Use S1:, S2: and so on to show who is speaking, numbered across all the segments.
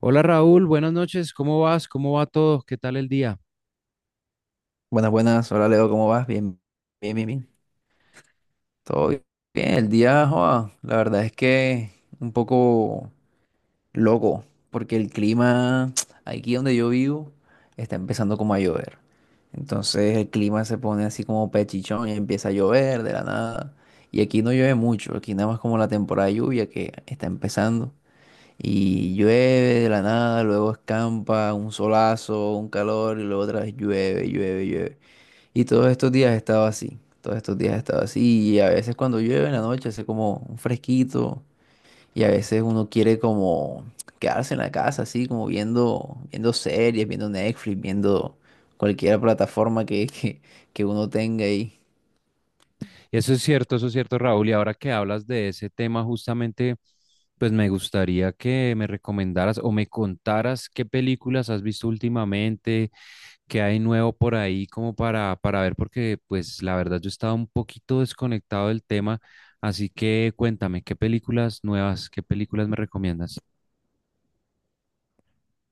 S1: Hola Raúl, buenas noches, ¿cómo vas? ¿Cómo va todo? ¿Qué tal el día?
S2: Buenas, buenas. Hola Leo, ¿cómo vas? Bien, bien, bien, bien. Todo bien. El día, joa, la verdad es que un poco loco, porque el clima aquí donde yo vivo está empezando como a llover. Entonces el clima se pone así como pechichón y empieza a llover de la nada. Y aquí no llueve mucho, aquí nada más como la temporada de lluvia que está empezando. Y llueve de la nada, luego escampa, un solazo, un calor y luego otra vez llueve, llueve, llueve. Y todos estos días he estado así, todos estos días he estado así. Y a veces cuando llueve en la noche hace como un fresquito y a veces uno quiere como quedarse en la casa, así como viendo, viendo series, viendo Netflix, viendo cualquier plataforma que uno tenga ahí.
S1: Eso es cierto Raúl, y ahora que hablas de ese tema justamente, pues me gustaría que me recomendaras o me contaras qué películas has visto últimamente, qué hay nuevo por ahí como para ver, porque pues la verdad yo estaba un poquito desconectado del tema, así que cuéntame, ¿qué películas nuevas, qué películas me recomiendas?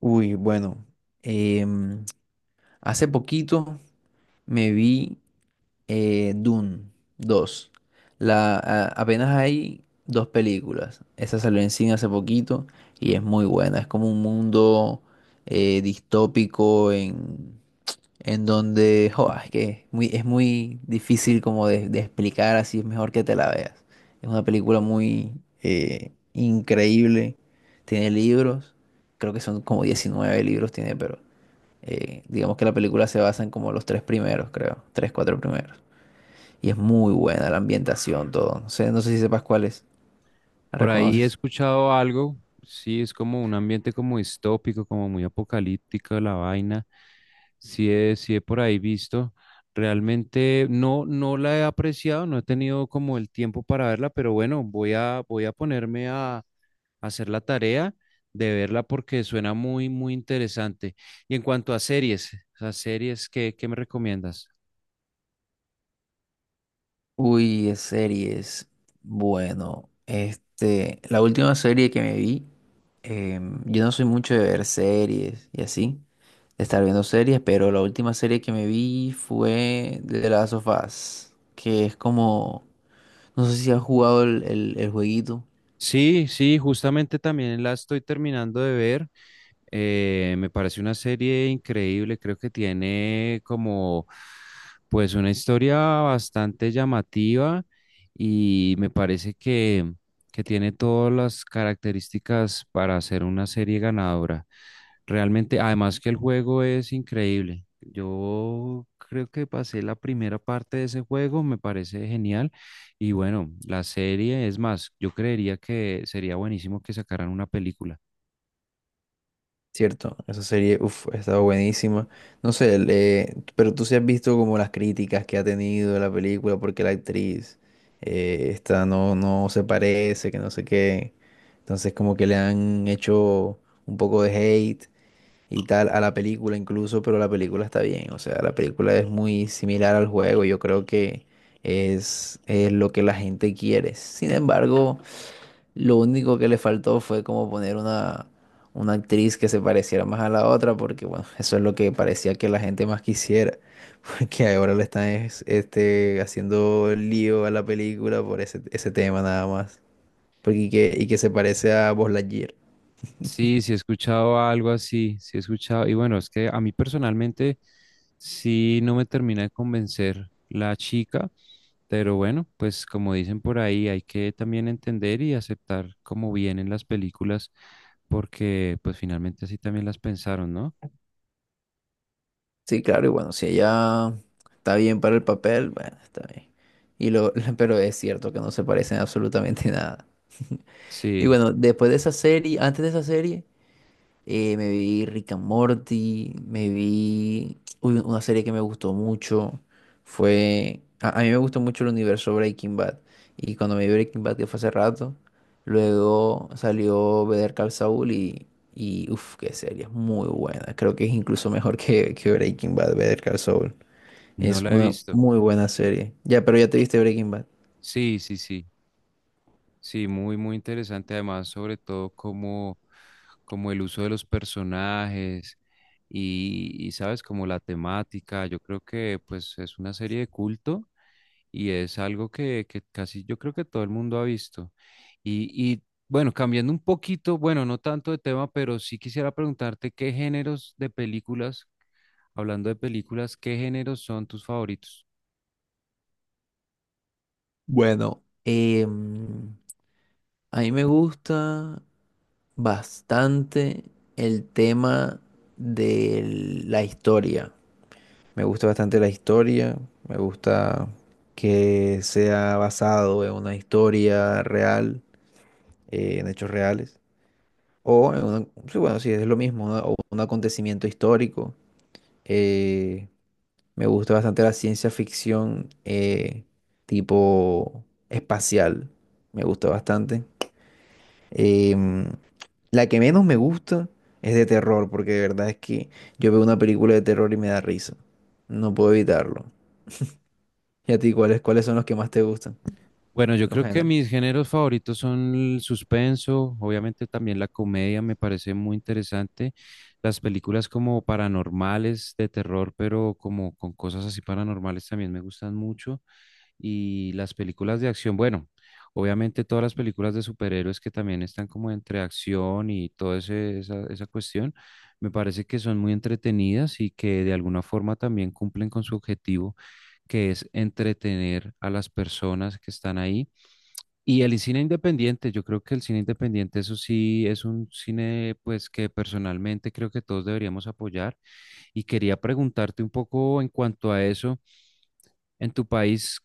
S2: Uy, bueno, em, hace poquito me vi Dune dos. Apenas hay dos películas. Esa salió en cine hace poquito y es muy buena. Es como un mundo distópico en donde jo, es que es muy difícil como de explicar, así es mejor que te la veas. Es una película muy increíble. Tiene libros, creo que son como 19 libros tiene, pero digamos que la película se basa en como los tres primeros, creo. Tres, cuatro primeros. Y es muy buena la ambientación, todo. No sé, no sé si sepas cuál es. ¿La
S1: Por ahí he
S2: reconoces?
S1: escuchado algo, sí, es como un ambiente como distópico, como muy apocalíptico la vaina. Sí he por ahí visto. Realmente no, no la he apreciado, no he tenido como el tiempo para verla, pero bueno, voy a ponerme a hacer la tarea de verla porque suena muy, muy interesante. Y en cuanto a series, ¿qué, qué me recomiendas?
S2: Uy, es series. Bueno, este, la última serie que me vi, yo no soy mucho de ver series y así, de estar viendo series, pero la última serie que me vi fue de las Last of Us, que es como, no sé si has jugado el jueguito.
S1: Sí, sí, justamente también la estoy terminando de ver. Me parece una serie increíble, creo que tiene como pues una historia bastante llamativa y me parece que tiene todas las características para ser una serie ganadora. Realmente, además que el juego es increíble. Yo creo que pasé la primera parte de ese juego, me parece genial. Y bueno, la serie, es más, yo creería que sería buenísimo que sacaran una película.
S2: Cierto, esa serie, uff, ha estado buenísima. No sé, pero tú sí has visto como las críticas que ha tenido la película porque la actriz esta no, no se parece, que no sé qué. Entonces como que le han hecho un poco de hate y tal a la película incluso, pero la película está bien. O sea, la película es muy similar al juego. Yo creo que es lo que la gente quiere. Sin embargo... Lo único que le faltó fue como poner una actriz que se pareciera más a la otra, porque bueno, eso es lo que parecía que la gente más quisiera, porque ahora le están haciendo lío a la película por ese tema nada más, porque y que se parece a Buzz Lightyear.
S1: Sí, sí he escuchado algo así, sí he escuchado, y bueno, es que a mí personalmente sí no me termina de convencer la chica, pero bueno, pues como dicen por ahí, hay que también entender y aceptar cómo vienen las películas, porque pues finalmente así también las pensaron, ¿no?
S2: Sí, claro, y bueno, si ella está bien para el papel, bueno, está bien. Y lo, pero es cierto que no se parecen absolutamente nada. Y
S1: Sí,
S2: bueno, después de esa serie, antes de esa serie... Me vi Rick and Morty, me vi uy, una serie que me gustó mucho. Fue. A mí me gustó mucho el universo Breaking Bad. Y cuando me vi Breaking Bad, que fue hace rato, luego salió Better Call Saul y. Y uff, qué serie, es muy buena. Creo que es incluso mejor que Breaking Bad, Better Call Saul.
S1: no
S2: Es
S1: la he
S2: una
S1: visto.
S2: muy buena serie. Ya, pero ya te viste Breaking Bad.
S1: Sí, sí, sí. Sí, muy, muy interesante. Además, sobre todo como, como el uso de los personajes y, sabes, como la temática. Yo creo que pues es una serie de culto y es algo que casi yo creo que todo el mundo ha visto. Y bueno, cambiando un poquito, bueno, no tanto de tema, pero sí quisiera preguntarte qué géneros de películas, hablando de películas, qué géneros son tus favoritos.
S2: Bueno, a mí me gusta bastante el tema de la historia. Me gusta bastante la historia, me gusta que sea basado en una historia real, en hechos reales, o en sí, bueno, sí, es lo mismo, o un acontecimiento histórico. Eh, Me gusta bastante la ciencia ficción tipo espacial, me gusta bastante. Em, la que menos me gusta es de terror, porque de verdad es que yo veo una película de terror y me da risa. No puedo evitarlo. ¿Y a ti cuáles, cuáles son los que más te gustan?
S1: Bueno, yo
S2: Los
S1: creo que
S2: géneros.
S1: mis géneros favoritos son el suspenso, obviamente también la comedia me parece muy interesante, las películas como paranormales de terror, pero como con cosas así paranormales también me gustan mucho, y las películas de acción, bueno, obviamente todas las películas de superhéroes que también están como entre acción y toda esa, esa cuestión, me parece que son muy entretenidas y que de alguna forma también cumplen con su objetivo, que es entretener a las personas que están ahí y el cine independiente, yo creo que el cine independiente, eso sí, es un cine pues que personalmente creo que todos deberíamos apoyar. Y quería preguntarte un poco en cuanto a eso, en tu país,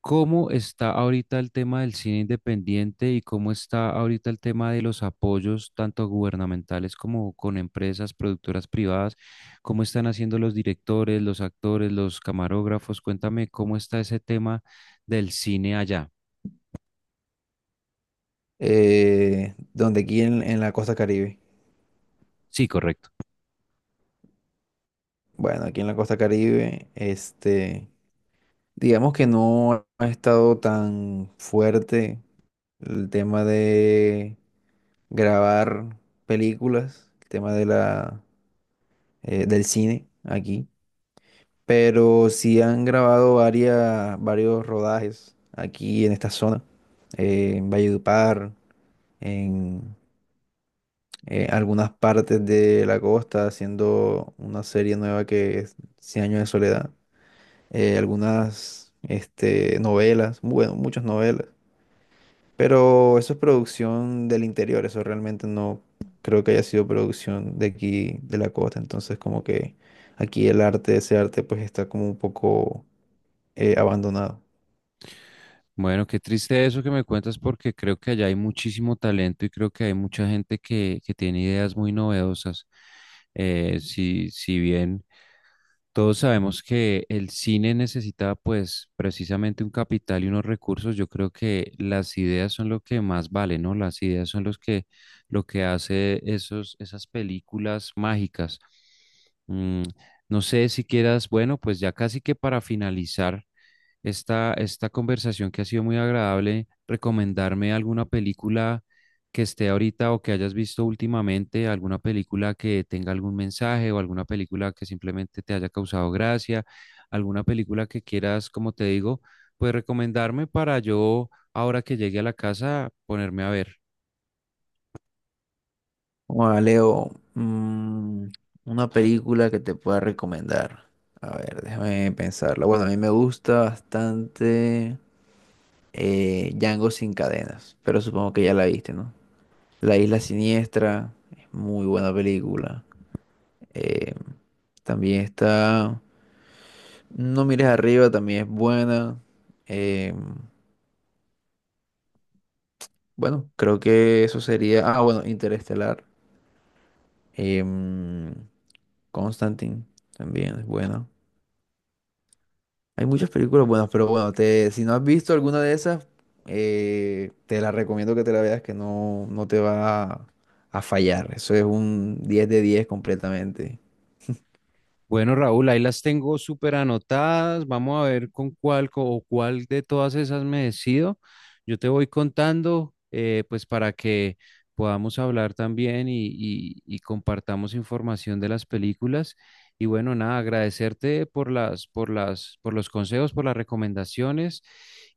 S1: ¿cómo está ahorita el tema del cine independiente y cómo está ahorita el tema de los apoyos, tanto gubernamentales como con empresas, productoras privadas? ¿Cómo están haciendo los directores, los actores, los camarógrafos? Cuéntame cómo está ese tema del cine allá.
S2: Donde aquí en la costa Caribe.
S1: Sí, correcto.
S2: Bueno, aquí en la costa Caribe, este, digamos que no ha estado tan fuerte el tema de grabar películas, el tema de la, del cine aquí. Pero sí han grabado varias, varios rodajes aquí en esta zona, en Valledupar, en algunas partes de la costa, haciendo una serie nueva que es Cien años de soledad, algunas este, novelas, bueno, muchas novelas, pero eso es producción del interior, eso realmente no creo que haya sido producción de aquí, de la costa, entonces como que aquí el arte, ese arte pues está como un poco abandonado.
S1: Bueno, qué triste eso que me cuentas porque creo que allá hay muchísimo talento y creo que hay mucha gente que tiene ideas muy novedosas. Si, si bien todos sabemos que el cine necesita pues precisamente un capital y unos recursos. Yo creo que las ideas son lo que más vale, ¿no? Las ideas son los que lo que hace esos esas películas mágicas. Mm, no sé si quieras, bueno, pues ya casi que para finalizar esta conversación que ha sido muy agradable, recomendarme alguna película que esté ahorita o que hayas visto últimamente alguna película que tenga algún mensaje o alguna película que simplemente te haya causado gracia, alguna película que quieras, como te digo, pues recomendarme para yo, ahora que llegue a la casa, ponerme a ver.
S2: Hola, Leo, una película que te pueda recomendar. A ver, déjame pensarla. Bueno, a mí me gusta bastante Django sin cadenas, pero supongo que ya la viste, ¿no? La Isla Siniestra, es muy buena película. Eh, También está No mires arriba, también es buena. Eh, bueno, creo que eso sería... Ah, bueno, Interestelar. Em, Constantine, también es buena. Hay muchas películas buenas, pero bueno, si no has visto alguna de esas, te la recomiendo que te la veas, que no, no te va a fallar. Eso es un 10/10 completamente.
S1: Bueno, Raúl, ahí las tengo súper anotadas. Vamos a ver con cuál co- o cuál de todas esas me decido. Yo te voy contando, pues para que podamos hablar también y compartamos información de las películas. Y bueno, nada, agradecerte por por los consejos, por las recomendaciones.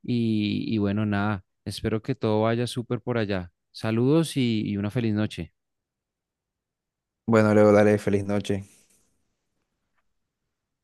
S1: Y bueno, nada, espero que todo vaya súper por allá. Saludos y una feliz noche.
S2: Bueno, luego dale, feliz noche.